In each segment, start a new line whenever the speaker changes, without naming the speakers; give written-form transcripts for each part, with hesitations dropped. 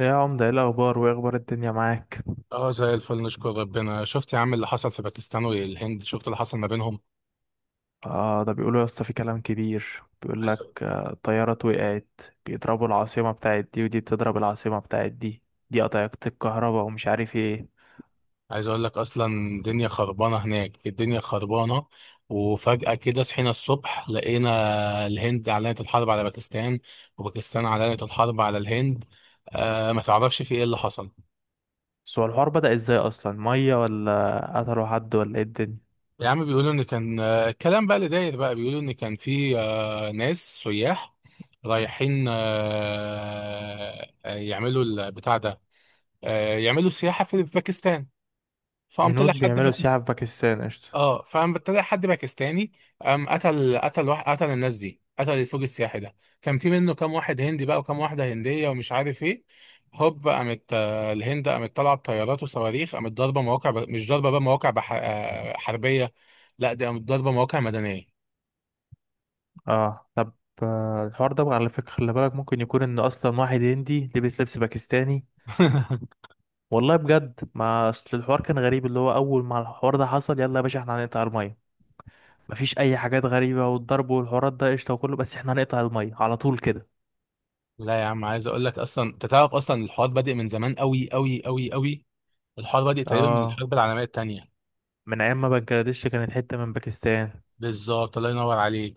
يا عمدة، ايه الأخبار وايه أخبار الدنيا معاك؟
اه زي الفل نشكر ربنا. شفت يا عم اللي حصل في باكستان والهند؟ شفت اللي حصل ما بينهم.
آه، ده بيقولوا يا اسطى في كلام كبير، بيقول
عايز
لك
أقول-
طيارات وقعت. بيضربوا العاصمة بتاعت دي ودي بتضرب العاصمة بتاعت دي. دي قطعت الكهرباء ومش عارف ايه.
عايز اقول لك اصلا الدنيا خربانه هناك، الدنيا خربانه. وفجاه كده صحينا الصبح لقينا الهند اعلنت الحرب على باكستان، وباكستان اعلنت الحرب على الهند. آه، ما تعرفش في ايه اللي حصل؟
بس هو الحوار بدأ ازاي أصلا؟ مية ولا قتلوا حد ولا ايه الدنيا؟
يا عم بيقولوا ان كان الكلام بقى اللي داير بقى بيقولوا ان كان في ناس سياح رايحين، يعملوا البتاع ده، يعملوا سياحه في باكستان. فقام طلع
هنود
حد
بيعملوا
باكستاني.
سياحة في باكستان، قشطة.
اه، فقام طلع حد باكستاني، قام قتل، قتل واحد قتل الناس دي، قتل الفوج السياحي ده. كان في منه كام واحد هندي بقى وكام واحده هنديه ومش عارف ايه. هوب قامت، الهند قامت طالعه بطيارات وصواريخ، قامت ضاربه مواقع ب... مش ضاربه بقى مواقع بح... حربيه. لا، دي قامت ضاربه مواقع مدنيه.
اه، طب. آه، الحوار ده بقى على فكرة، خلي بالك ممكن يكون إن أصلا واحد هندي لبس لبس باكستاني. والله بجد، ما أصل الحوار كان غريب، اللي هو أول ما الحوار ده حصل، يلا يا باشا احنا هنقطع المية. مفيش اي حاجات غريبه، والضرب والحوارات ده قشطه وكله، بس احنا هنقطع الميه على طول كده.
لا يا عم، عايز اقول لك اصلا، انت تعرف اصلا الحوار بادئ من زمان قوي قوي قوي قوي. الحوار بادئ تقريبا من
اه،
الحرب العالميه الثانيه.
من ايام ما بنجلاديش كانت حته من باكستان.
بالظبط، الله ينور عليك.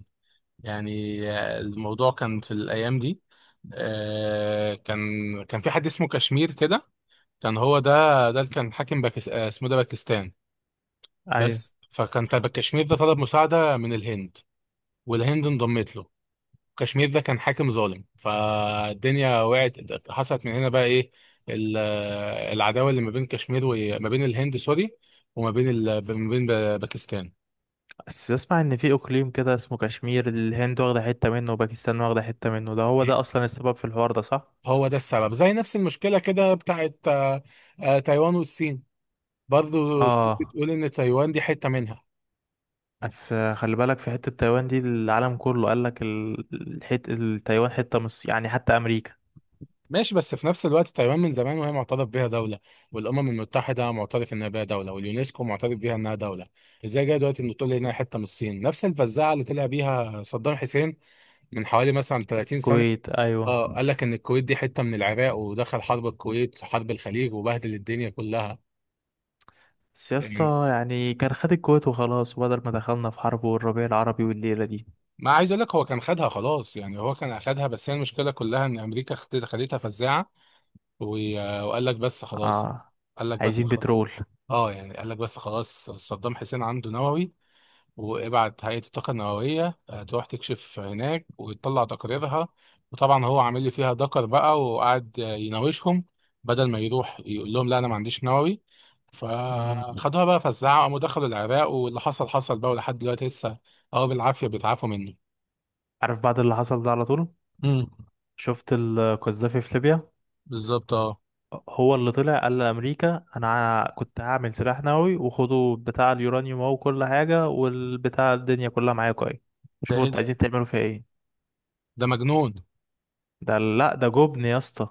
يعني الموضوع كان في الأيام دي، كان كان في حد اسمه كشمير كده، كان هو ده. ده اللي كان حاكم باكس... اسمه ده باكستان
ايوه.
بس. فكان تبع كشمير ده طلب مساعدة من الهند، والهند انضمت له. كشمير ده كان حاكم ظالم، فالدنيا وقعت. حصلت من هنا بقى ايه؟ العداوة اللي ما بين كشمير وما بين الهند، سوري، وما بين ال... ما بين باكستان.
بس بسمع ان في اقليم كده اسمه كشمير، الهند واخده حته منه وباكستان واخده حته منه، ده هو ده اصلا السبب في الحوار ده، صح؟
هو ده السبب، زي نفس المشكلة كده بتاعت تايوان والصين. برضه الصين
اه.
بتقول ان تايوان دي حته منها.
بس خلي بالك، في حته تايوان دي، العالم كله قال لك الحت التايوان حته مش يعني، حتى امريكا.
ماشي، بس في نفس الوقت تايوان من زمان وهي معترف بيها دوله، والامم المتحده معترف انها بيها دوله، واليونسكو معترف بيها انها دوله. ازاي جاي دلوقتي ان تقول لي انها حته من الصين؟ نفس الفزاعه اللي طلع بيها صدام حسين من حوالي مثلا 30 سنه.
الكويت، ايوه.
اه، قال لك ان الكويت دي حته من العراق، ودخل حرب الكويت وحرب الخليج وبهدل الدنيا كلها.
بس يا
يعني
اسطى يعني كان خد الكويت وخلاص، وبدل ما دخلنا في حرب والربيع العربي والليله دي.
ما عايز اقول لك هو كان خدها خلاص، يعني هو كان اخدها، بس هي المشكله كلها ان امريكا خدتها فزاعه، وقال لك بس خلاص.
اه.
قال لك بس
عايزين
خلاص.
بترول.
اه، يعني قال لك بس خلاص، صدام حسين عنده نووي، وابعت هيئة الطاقة النووية تروح تكشف هناك وتطلع تقاريرها. وطبعا هو عامل لي فيها دكر بقى، وقعد يناوشهم، بدل ما يروح يقول لهم لا انا ما عنديش نووي.
مم.
فخدوها بقى، فزعوا قاموا دخلوا العراق، واللي حصل حصل بقى، ولحد دلوقتي لسه، اه، بالعافية بيتعافوا منه.
عارف بعد اللي حصل ده على طول،
امم،
شفت القذافي في ليبيا.
بالظبط اه.
هو اللي طلع قال لأمريكا، أنا كنت هعمل سلاح نووي، وخدوا بتاع اليورانيوم أهو وكل حاجة والبتاع، الدنيا كلها معاكوا أهي،
ده
شوفوا
ايه
أنتوا
ده،
عايزين تعملوا فيها إيه.
ده مجنون.
ده لأ، ده جبن يا اسطى.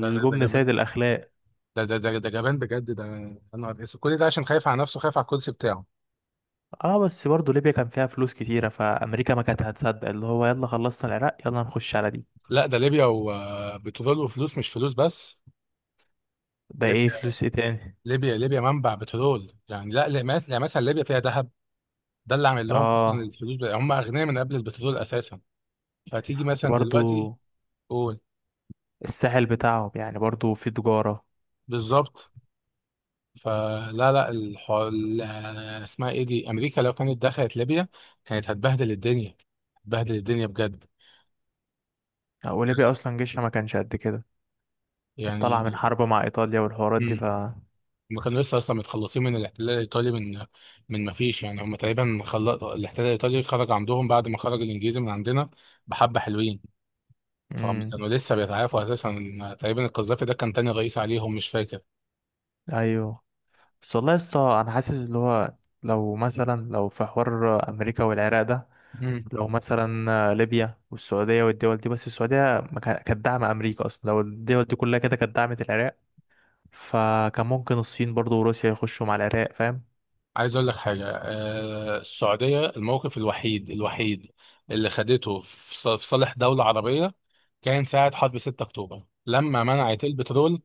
ده جبان.
سيد الأخلاق.
ده جبان بجد ده. انا كل ده عشان خايف على نفسه، خايف على الكرسي بتاعه.
اه. بس برضه ليبيا كان فيها فلوس كتيرة، فأمريكا ما كانت هتصدق، اللي هو يلا خلصنا العراق، يلا نخش على دي.
لا، ده ليبيا وبترول وفلوس، مش فلوس بس.
ده ايه،
ليبيا،
فلوس ايه تاني؟
ليبيا منبع بترول يعني. لا لا، مس-، يعني مثلا ليبيا فيها ذهب، ده اللي عامل لهم اصلا
اه.
الفلوس بقى. هم اغنياء من قبل البترول اساسا. فتيجي مثلا
برضه.
دلوقتي، قول.
الساحل بتاعهم، يعني برضو في تجارة.
بالظبط. فلا لا الحو... ال- اسمها ايه دي، امريكا لو كانت دخلت ليبيا كانت هتبهدل الدنيا، هتبهدل الدنيا بجد.
أو ليبيا أصلا جيشها ما كانش قد كده. كانت طالعة
يعني
من حرب مع إيطاليا والحوارات دي ف.
مم. هم كانوا لسه اصلا متخلصين من الاحتلال الايطالي من، من ما فيش، يعني هم تقريبا خل... الاحتلال الايطالي خرج عندهم بعد ما خرج الانجليزي من عندنا. بحبه حلوين. فهم
مم.
كانوا لسه بيتعافوا اساسا. تقريبا القذافي ده كان تاني رئيس عليهم، مش فاكر.
أيوه. بس والله يا اسطى أنا حاسس اللي هو، لو مثلا في حوار أمريكا والعراق ده،
مم.
لو مثلا ليبيا والسعودية والدول دي، بس السعودية ما كا- كانت داعمة أمريكا أصلا. لو الدول دي كلها كده كانت دعمت العراق، فكان ممكن الصين برضو وروسيا يخشوا مع العراق، فاهم؟
عايز اقول لك حاجه، آه، السعوديه الموقف الوحيد اللي خدته في ص-، في صالح دوله عربيه، كان ساعه حرب 6 اكتوبر لما منعت البترول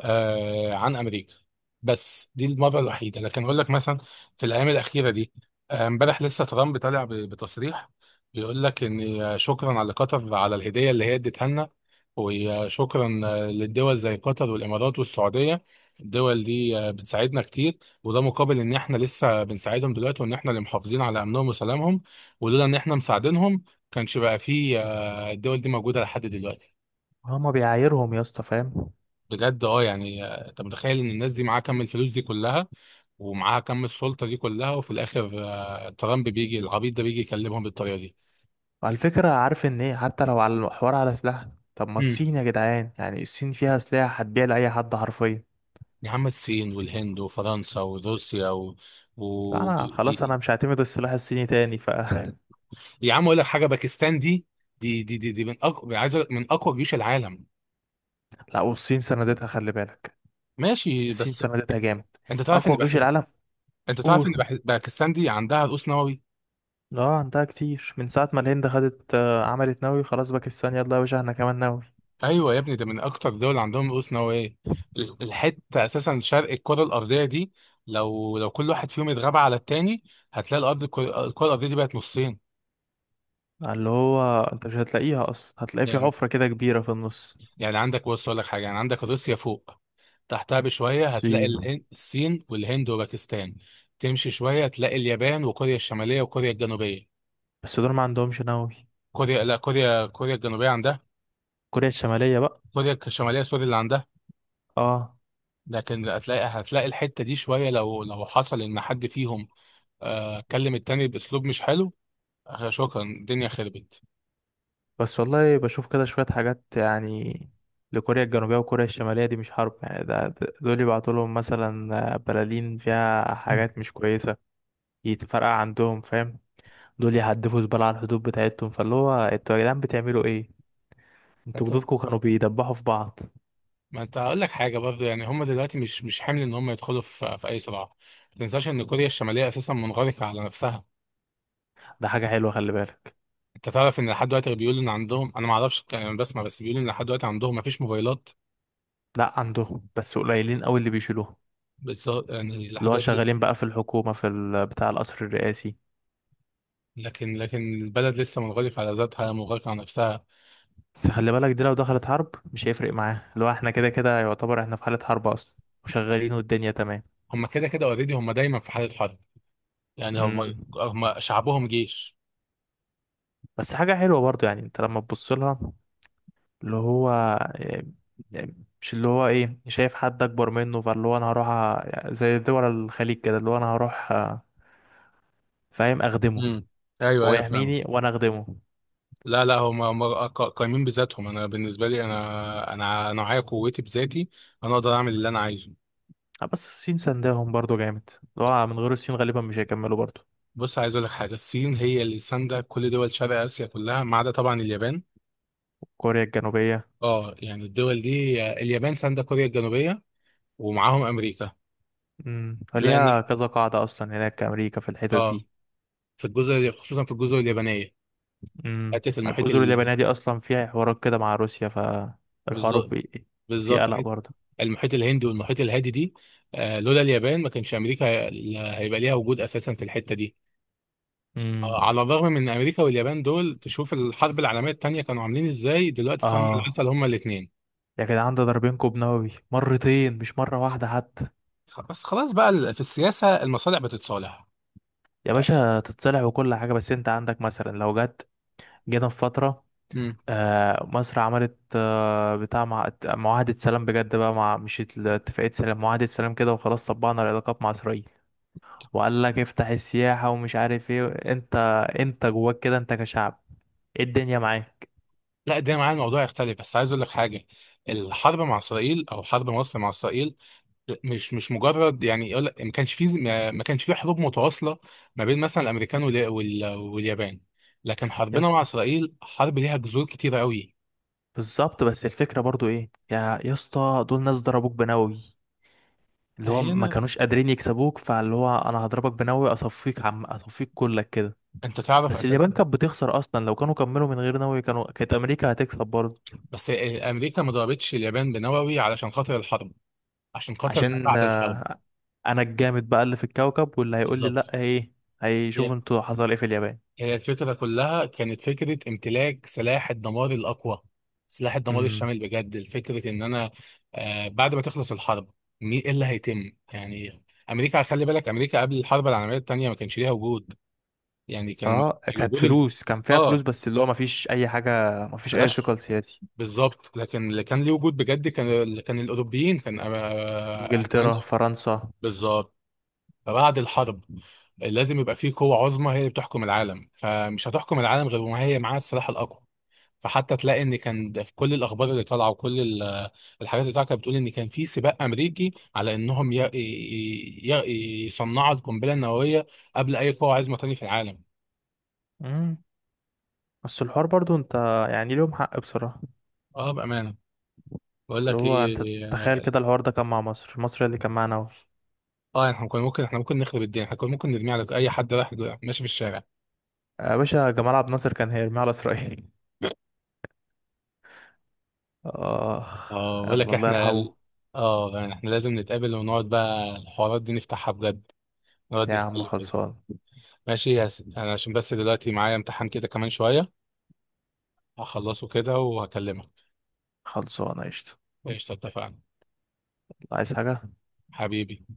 آه عن امريكا. بس دي المره الوحيده. لكن اقول لك مثلا في الايام الاخيره دي، امبارح لسه ترامب طالع بتصريح بيقول لك ان شكرا على قطر، على الهديه اللي هي اديتها لنا، وشكرا للدول زي قطر والامارات والسعوديه. الدول دي بتساعدنا كتير، وده مقابل ان احنا لسه بنساعدهم دلوقتي، وان احنا اللي محافظين على امنهم وسلامهم، ولولا ان احنا مساعدينهم كانش بقى فيه الدول دي موجوده لحد دلوقتي.
هما بيعايرهم يا اسطى، فاهم؟
بجد اه، يعني انت متخيل ان الناس دي معاها كم الفلوس دي كلها، ومعاها كم السلطه دي كلها، وفي الاخر ترامب بيجي، العبيط ده بيجي يكلمهم بالطريقه دي.
على فكرة، عارف ان ايه، حتى لو على الحوار على سلاح، طب ما
مم.
الصين يا جدعان، يعني الصين فيها سلاح هتبيع لأي حد حرفيا.
يا عم، الصين والهند وفرنسا وروسيا و...
لا،
و...
انا خلاص، انا مش هعتمد السلاح الصيني تاني ف
يا عم اقول لك حاجه، باكستان دي، دي من اقوى، عايز اقول لك من اقوى جيوش العالم.
لا، والصين سندتها، خلي بالك.
ماشي
الصين
بس،
سندتها جامد.
انت تعرف ان
اقوى جيش
بحز...،
العالم.
انت تعرف ان
اوه.
بحز... باكستان دي عندها رؤوس نووي.
اه، عندها كتير من ساعة ما الهند خدت، عملت نووي، خلاص باكستان يلا يا باشا احنا كمان نووي.
ايوه يا ابني، ده من اكتر دول عندهم رؤوس نوويه. ال- الحته اساسا شرق الكره الارضيه دي، لو كل واحد فيهم اتغاب على التاني، هتلاقي الارض، الكرة الارضيه دي بقت نصين.
اللي هو انت مش هتلاقيها اصلا، هتلاقي في
يعني
حفرة كده كبيرة في النص.
يعني عندك، بص اقول لك حاجه، يعني عندك روسيا فوق، تحتها بشويه هتلاقي
الصين.
الصين والهند وباكستان. تمشي شويه تلاقي اليابان وكوريا الشماليه وكوريا الجنوبيه.
بس دول ما عندهمش نووي.
كوريا، لا، كوريا الجنوبيه عندها،
كوريا الشمالية بقى.
كوريا الشماليه، سوري، اللي عندها.
اه.
لكن هتلاقي الحته دي شويه، لو حصل ان حد فيهم كلم التاني باسلوب مش حلو، شكرا الدنيا خربت.
بس والله بشوف كده شوية حاجات، يعني لكوريا الجنوبية وكوريا الشمالية دي مش حرب، يعني دول يبعتوا لهم مثلا بلالين فيها
مم.
حاجات مش كويسة، يتفرقع عندهم، فاهم؟ دول يهدفوا زبالة على الحدود بتاعتهم، فاللي هو انتوا يا جدعان بتعملوا ايه؟ انتوا
لكن
جدودكم كانوا بيدبحوا في بعض.
ما انت هقول لك حاجه برضه، يعني هم دلوقتي مش حامل ان هم يدخلوا في في اي صراع. ما تنساش ان كوريا الشماليه اساسا منغلقه على نفسها.
ده حاجة حلوة، خلي بالك.
انت تعرف ان لحد دلوقتي بيقولوا ان عندهم، انا ما اعرفش يعني، انا بسمع بس، بيقولوا ان لحد دلوقتي عندهم ما فيش موبايلات،
لا، عندهم بس قليلين قوي اللي بيشيلوها،
بس يعني لحد
اللي هو
دلوقتي،
شغالين بقى في الحكومة، في بتاع القصر الرئاسي.
لكن البلد لسه منغلقه على ذاتها، منغلقه على نفسها.
بس خلي بالك، دي لو دخلت حرب مش هيفرق معاه، اللي هو احنا كده كده يعتبر احنا في حالة حرب اصلا، وشغالين والدنيا تمام.
هم كده كده اوريدي هم دايما في حاله حرب، يعني هم،
امم.
هم شعبهم جيش.
بس حاجة حلوة برضو، يعني انت لما تبص لها، اللي هو إيه، يعني مش اللي هو ايه، شايف حد اكبر منه فاللي هو انا هروح زي دول الخليج كده، اللي هو انا هروح فاهم اخدمه،
امم، ايوه
هو
ايوه
يحميني
فاهم.
وانا اخدمه.
لا هم قايمين بذاتهم. انا بالنسبه لي، انا انا معايا قوتي بذاتي، انا اقدر اعمل اللي انا عايزه.
بس الصين سندهم برضو جامد، اللي هو من غير الصين غالبا مش هيكملوا برضو.
بص عايز اقول لك حاجه، الصين هي اللي سانده كل دول شرق اسيا كلها، ما عدا طبعا اليابان.
كوريا الجنوبية.
اه، يعني الدول دي، اليابان سانده كوريا الجنوبيه ومعاهم امريكا. تلاقي ان،
فليها كذا قاعدة اصلا هناك امريكا في الحتت
اه،
دي.
في الجزر، خصوصا في الجزر اليابانيه،
امم
حته المحيط
الجزر
ال...
اليابانية دي أصلا فيها حوارات كده مع روسيا، فالحوار
بالظ-
في
بالظبط،
قلق
حته
برضه.
المحيط الهندي والمحيط الهادي دي. آه، لولا اليابان ما كانش امريكا هيبقى ليها وجود اساسا في الحته دي.
امم.
على الرغم من امريكا واليابان دول، تشوف الحرب العالميه الثانيه كانوا عاملين ازاي، دلوقتي سمنه
آه.
العسل هما الاثنين.
يا جدعان، ده ضاربين كوب نووي مرتين، مش مرة واحدة حتى.
بس خلاص بقى، ال- في السياسه المصالح بتتصالح.
يا باشا تتصلح وكل حاجة، بس أنت عندك مثلا، لو جت، جينا في فترة،
امم،
مصر عملت معاهدة سلام بجد بقى، مع مش ات- اتفاقية سلام، معاهدة سلام كده وخلاص، طبقنا العلاقات مع إسرائيل، وقال لك افتح السياحة ومش عارف ايه. انت انت جواك كده، انت كشعب، ايه الدنيا معاك؟
لا ده معايا الموضوع يختلف، بس عايز اقول لك حاجه، الحرب مع اسرائيل او حرب مصر مع اسرائيل، مش مجرد، يعني يقول لك ما كانش فيه، ما كانش فيه حروب متواصله ما بين مثلا الامريكان واليابان، لكن
يا،
حربنا مع اسرائيل حرب ليها جذور كتيره قوي.
بالظبط، بس الفكرة برضو ايه، يا اسطى، دول ناس ضربوك بنووي، اللي هو ما
هنا،
كانوش قادرين يكسبوك، فاللي هو انا هضربك بنووي اصفيك، عم اصفيك كلك كده.
انت تعرف
بس اليابان
اساسا،
كانت بتخسر اصلا، لو كانوا كملوا من غير نووي كانوا كانت امريكا هتكسب برضو.
بس امريكا ما ضربتش اليابان بنووي علشان خاطر الحرب، عشان خاطر ما
عشان
بعد الحرب.
انا الجامد بقى اللي في الكوكب، واللي هيقول لي
بالظبط،
لا ايه، هيشوف
هي
انتوا حصل ايه في اليابان.
هي الفكره كلها كانت فكره امتلاك سلاح الدمار الاقوى، سلاح الدمار
امم.
الشامل بجد. الفكره ان انا، آه، بعد ما تخلص الحرب، مين ايه اللي هيتم يعني. امريكا، خلي بالك، امريكا قبل الحرب العالميه الثانيه ما كانش ليها وجود. يعني كان
اه، كانت
الوجود الج...،
فلوس، كان فيها فلوس
اه،
بس اللي هو ما فيش اي حاجة، ما فيش اي
ملهاش.
ثقل سياسي.
بالظبط، لكن اللي كان ليه وجود بجد كان، اللي كان الاوروبيين كان ألمانيا.
انجلترا، فرنسا.
بالظبط، فبعد الحرب لازم يبقى فيه قوة عظمى هي اللي بتحكم العالم، فمش هتحكم العالم غير وما هي معاها السلاح الأقوى. فحتى تلاقي ان كان ده في كل الاخبار اللي طالعه، وكل ال- الحاجات اللي طالعه كانت بتقول ان كان في سباق امريكي على انهم يصنعوا القنبله النوويه قبل اي قوه عظمى تاني في العالم.
امم بس الحوار برضو، انت يعني ليهم حق بصراحة،
اه بامانه، بقول
اللي
لك
هو
ايه،
انت تخيل كده الحوار ده كان مع مصر، مصر اللي كان معانا اهو.
اه احنا كنا ممكن، احنا ممكن نخرب الدنيا، احنا كنا ممكن نرمي على اي حد رايح ماشي في الشارع.
يا باشا جمال عبد الناصر كان هيرميه على اسرائيل. اه.
اه بقول
يلا،
لك
الله
احنا،
يرحمه.
اه يعني احنا لازم نتقابل ونقعد بقى الحوارات دي نفتحها بجد، نقعد
يا عم
نتكلم كده.
خلصان.
ماشي يا س...، انا عشان بس دلوقتي معايا امتحان كده كمان شوية، هخلصه كده وهكلمك.
خلصان قشطة.
قشطة اتفقنا
عايز حاجة؟
حبيبي.